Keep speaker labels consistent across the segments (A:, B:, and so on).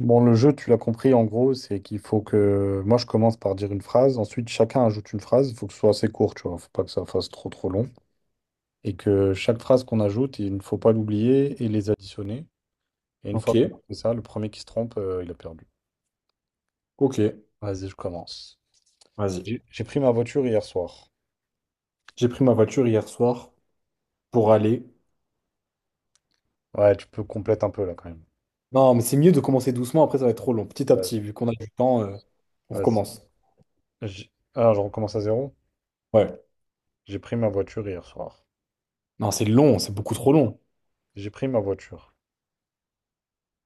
A: Bon, le jeu, tu l'as compris, en gros, c'est qu'il faut que moi je commence par dire une phrase, ensuite chacun ajoute une phrase, il faut que ce soit assez court, tu vois, faut pas que ça fasse trop trop long, et que chaque phrase qu'on ajoute, il ne faut pas l'oublier et les additionner. Et une fois
B: Ok,
A: qu'on a fait ça, le premier qui se trompe, il a perdu.
B: ok,
A: Vas-y, je commence.
B: vas-y.
A: J'ai pris ma voiture hier soir.
B: J'ai pris ma voiture hier soir pour aller.
A: Ouais, tu peux complète un peu là quand même.
B: Non, mais c'est mieux de commencer doucement, après ça va être trop long. Petit à
A: Ouais.
B: petit, vu qu'on a du temps, on
A: Vas-y.
B: recommence.
A: Ah, je recommence à zéro?
B: Ouais.
A: J'ai pris ma voiture hier soir.
B: Non, c'est long, c'est beaucoup trop long.
A: J'ai pris ma voiture.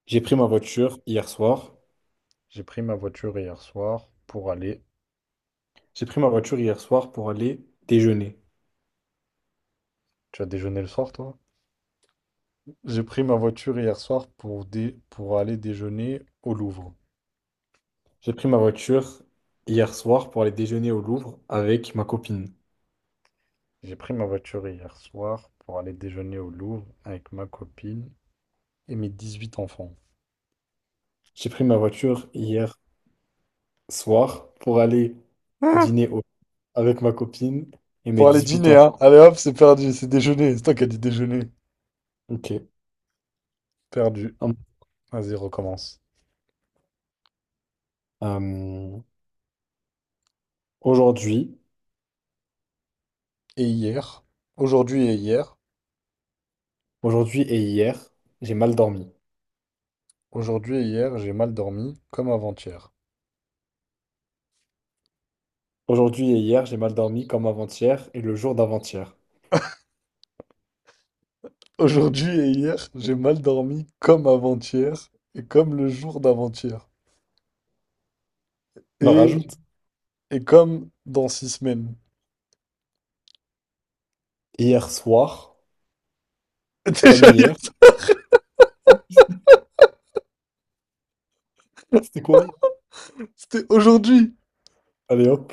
B: J'ai pris ma voiture hier soir.
A: J'ai pris ma voiture hier soir pour aller.
B: J'ai pris ma voiture hier soir pour aller déjeuner.
A: Tu as déjeuné le soir, toi? J'ai pris ma voiture hier soir pour, pour aller déjeuner au Louvre.
B: J'ai pris ma voiture hier soir pour aller déjeuner au Louvre avec ma copine.
A: J'ai pris ma voiture hier soir pour aller déjeuner au Louvre avec ma copine et mes 18 enfants.
B: J'ai pris ma voiture hier soir pour aller dîner au- avec ma copine et mes
A: Pour aller
B: dix-huit
A: dîner,
B: ans.
A: hein. Allez hop, c'est perdu, c'est déjeuner. C'est toi qui as dit déjeuner.
B: Ok.
A: Perdu.
B: Hum.
A: Vas-y, recommence.
B: Euh, Aujourd'hui,
A: Et hier, aujourd'hui et hier,
B: aujourd'hui, et hier, j'ai mal dormi.
A: aujourd'hui et hier, j'ai mal dormi comme avant-hier.
B: Aujourd'hui et hier, j'ai mal dormi comme avant-hier et le jour d'avant-hier.
A: Aujourd'hui et hier, j'ai mal dormi comme avant-hier et comme le jour d'avant-hier.
B: Bah
A: Et,
B: rajoute,
A: et comme dans 6 semaines.
B: hier soir, comme
A: Déjà,
B: hier, c'était quoi?
A: c'était aujourd'hui.
B: Allez hop.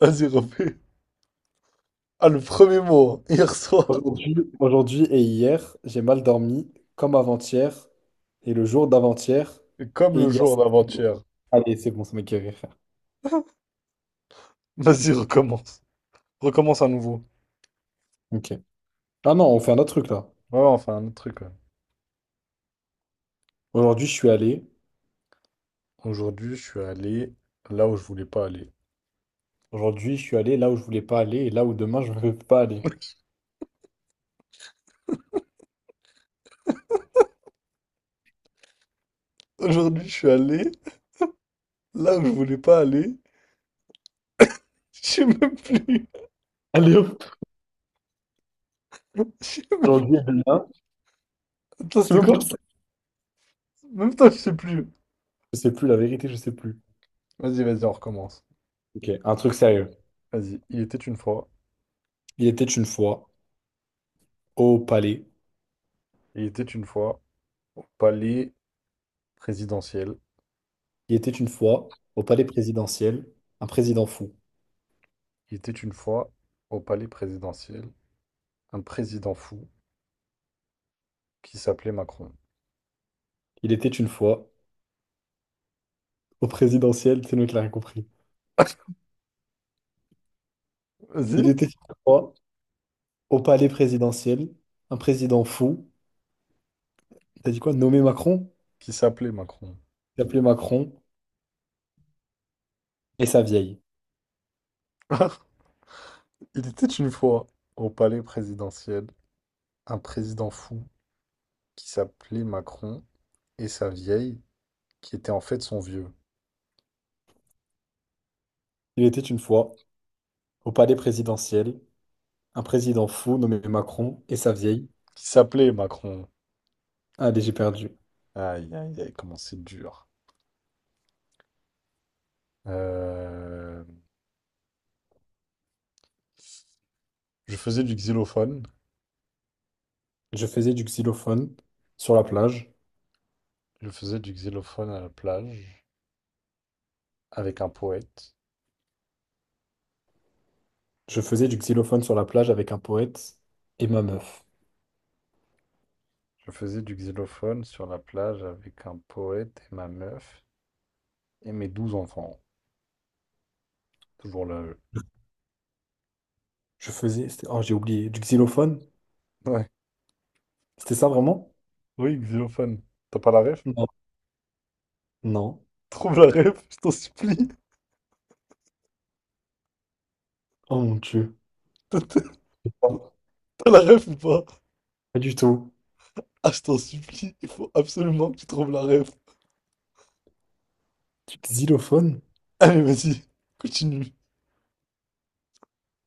A: Vas-y, refais. Ah, le premier mot, hein. Hier soir.
B: Aujourd'hui, et hier, j'ai mal dormi comme avant-hier et le jour d'avant-hier
A: Et comme
B: et
A: le
B: il y a...
A: jour d'avant-hier.
B: Allez, c'est bon, ça m'a guéri, frère.
A: Vas-y, recommence. Recommence à nouveau.
B: Ok. Ah non, on fait un autre truc là.
A: Ouais, on fait un autre truc. Ouais.
B: Aujourd'hui, je suis allé.
A: Aujourd'hui, je suis allé là où je voulais pas aller.
B: Aujourd'hui, je suis allé là où je voulais pas aller et là où demain, je ne veux pas aller.
A: Aujourd'hui, je suis allé là où je voulais pas aller. Je sais même plus.
B: Allez hop.
A: Je sais même-
B: Aujourd'hui et demain.
A: Attends,
B: C'est
A: c'était
B: même pas
A: quoi?
B: ça.
A: Même toi, je sais plus.
B: Je sais plus, la vérité, je sais plus.
A: Vas-y, vas-y, on recommence.
B: Ok, un truc sérieux.
A: Vas-y. Il était une fois.
B: Il était une fois au palais.
A: Il était une fois au palais présidentiel.
B: Il était une fois au palais présidentiel, un président fou.
A: Il était une fois au palais présidentiel. Un président fou qui s'appelait Macron.
B: Il était une fois au présidentiel, c'est nous qui l'a rien compris. Il
A: Vas-y.
B: était une fois au palais présidentiel, un président fou. T'as dit quoi? Nommé Macron?
A: Qui s'appelait Macron.
B: Il appelé Macron et sa vieille.
A: Il était une fois au palais présidentiel un président fou qui s'appelait Macron et sa vieille qui était en fait son vieux.
B: Il était une fois au palais présidentiel, un président fou nommé Macron et sa vieille.
A: Qui s'appelait Macron.
B: Allez, j'ai perdu.
A: Aïe, aïe, aïe, comment c'est dur. Euh, Je faisais du xylophone.
B: Je faisais du xylophone sur la plage.
A: Je faisais du xylophone à la plage avec un poète.
B: Je faisais du xylophone sur la plage avec un poète et ma meuf.
A: Je faisais du xylophone sur la plage avec un poète et ma meuf et mes 12 enfants. Toujours là, eux.
B: Oh, j'ai oublié. Du xylophone?
A: Ouais.
B: C'était ça vraiment?
A: Oui, xylophone. T'as pas la ref?
B: Non. Non.
A: Trouve la ref, je t'en supplie.
B: Oh mon Dieu.
A: T'as t'as-
B: Oh,
A: t'as la ref ou pas?
B: pas du tout.
A: Ah, je t'en supplie, il faut absolument que tu trouves la ref.
B: Du xylophone?
A: Allez, vas-y, continue.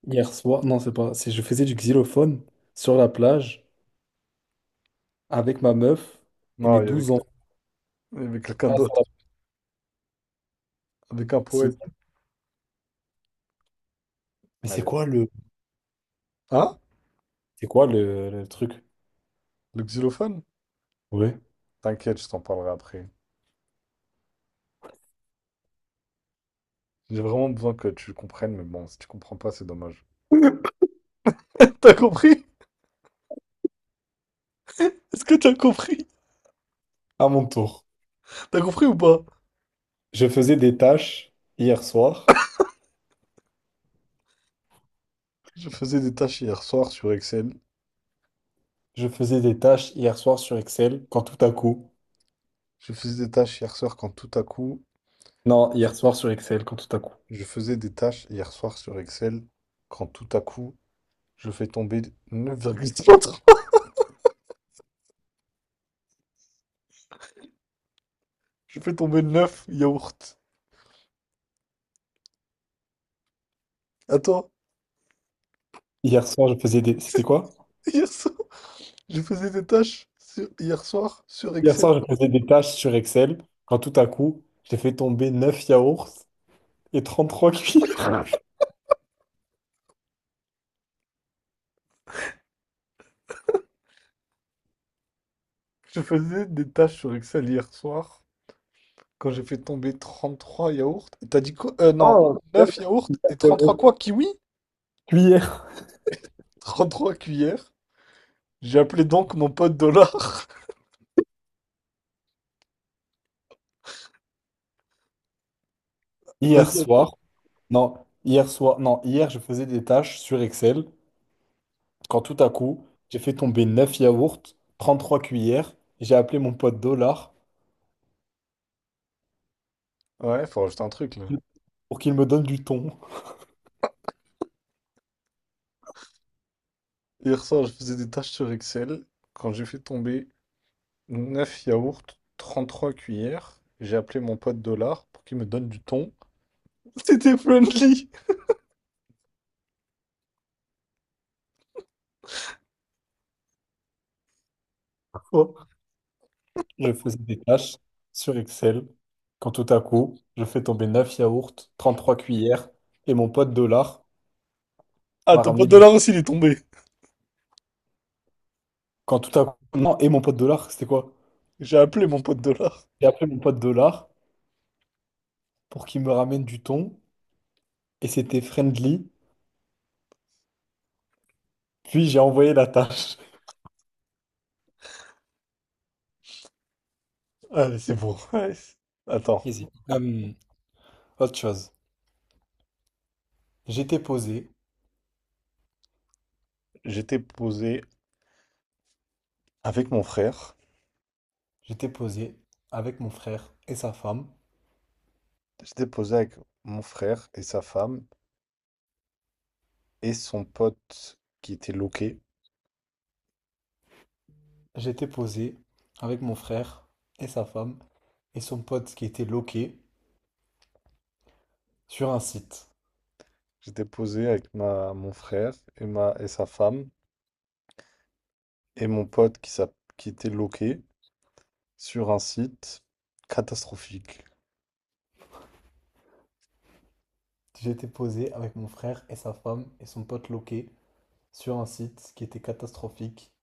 B: Hier soir. Non, c'est pas. C'est je faisais du xylophone sur la plage avec ma meuf et mes
A: Non, il y avait,
B: douze enfants
A: il y avait quelqu'un
B: Ah, sur
A: d'autre,
B: la
A: avec un
B: piscine.
A: poète.
B: Mais c'est
A: Allez.
B: quoi le.
A: Hein?
B: C'est quoi le truc?
A: Le xylophone?
B: Ouais.
A: T'inquiète, je t'en parlerai après. J'ai vraiment besoin que tu comprennes, mais bon, si tu comprends pas, c'est dommage. T'as compris? Est-ce que t'as compris?
B: À mon tour.
A: T'as compris ou pas?
B: Je faisais des tâches hier soir.
A: Je faisais des tâches hier soir sur Excel.
B: Je faisais des tâches hier soir sur Excel quand tout à coup.
A: Je faisais des tâches hier soir quand tout à coup.
B: Non, hier soir sur Excel, quand tout à coup.
A: Je faisais des tâches hier soir sur Excel quand tout à coup, je fais tomber 9,33. Je fais tomber 9 yaourts. Attends,
B: Hier soir, je faisais des... C'était
A: c'est
B: quoi?
A: hier soir, je faisais des tâches hier soir sur
B: Hier
A: Excel.
B: soir, je faisais des tâches sur Excel, quand tout à coup, j'ai fait tomber 9 yaourts et 33 cuillères.
A: Je faisais des tâches sur Excel hier soir quand j'ai fait tomber 33 yaourts. Et t'as dit quoi? Non,
B: Oh, neuf
A: neuf yaourts et 33
B: yaourts.
A: quoi? Kiwi?
B: Cuillères.
A: 33 cuillères. J'ai appelé donc mon pote Dollar.
B: Hier
A: Vas-y, attends.
B: soir, non, hier soir, non, hier, je faisais des tâches sur Excel, quand tout à coup, j'ai fait tomber 9 yaourts, 33 cuillères, j'ai appelé mon pote Dollar
A: Ouais, faut rajouter un truc là.
B: pour qu'il me donne du thon.
A: Hier soir, je faisais des tâches sur Excel quand j'ai fait tomber neuf yaourts, 33 cuillères. J'ai appelé mon pote Dollar pour qu'il me donne du thon. C'était friendly.
B: Oh, je faisais des tâches sur Excel quand tout à coup, je fais tomber 9 yaourts, 33 cuillères et mon pote dollar
A: Ah,
B: m'a
A: ton
B: ramené
A: pote
B: du.
A: Dollar aussi, il est tombé.
B: Quand tout à coup, non, et mon pote dollar, c'était quoi?
A: J'ai appelé mon pote Dollar.
B: J'ai appelé mon pote dollar pour qu'il me ramène du thon et c'était friendly. Puis j'ai envoyé la tâche.
A: Allez, c'est bon. Ouais, attends,
B: Easy. Autre chose. J'étais posé,
A: j'étais posé avec mon frère.
B: j'étais posé avec mon frère et sa femme.
A: J'étais posé avec mon frère et sa femme et son pote qui était loqué.
B: J'étais posé avec mon frère et sa femme et son pote qui était loqué sur un site.
A: J'étais posé avec mon frère et sa femme et mon pote qui était loqué sur un site catastrophique.
B: J'étais posé avec mon frère et sa femme et son pote loqué sur un site qui était catastrophique.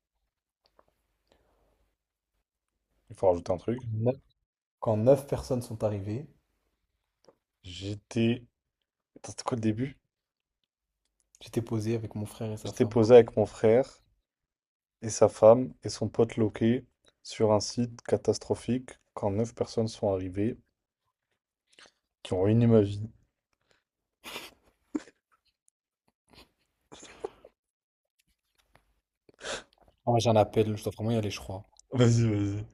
A: Il faut rajouter un truc.
B: Neuf- Quand 9 personnes sont arrivées,
A: J'étais. Attends, c'était quoi le début?
B: j'étais posé avec mon frère et sa
A: J'étais
B: femme.
A: posé avec mon frère et sa femme et son pote loqué sur un site catastrophique quand neuf personnes sont arrivées qui ont ruiné ma vie.
B: Ah, ouais, j'ai un appel, je dois vraiment y aller, je crois.
A: Vas-y, vas-y.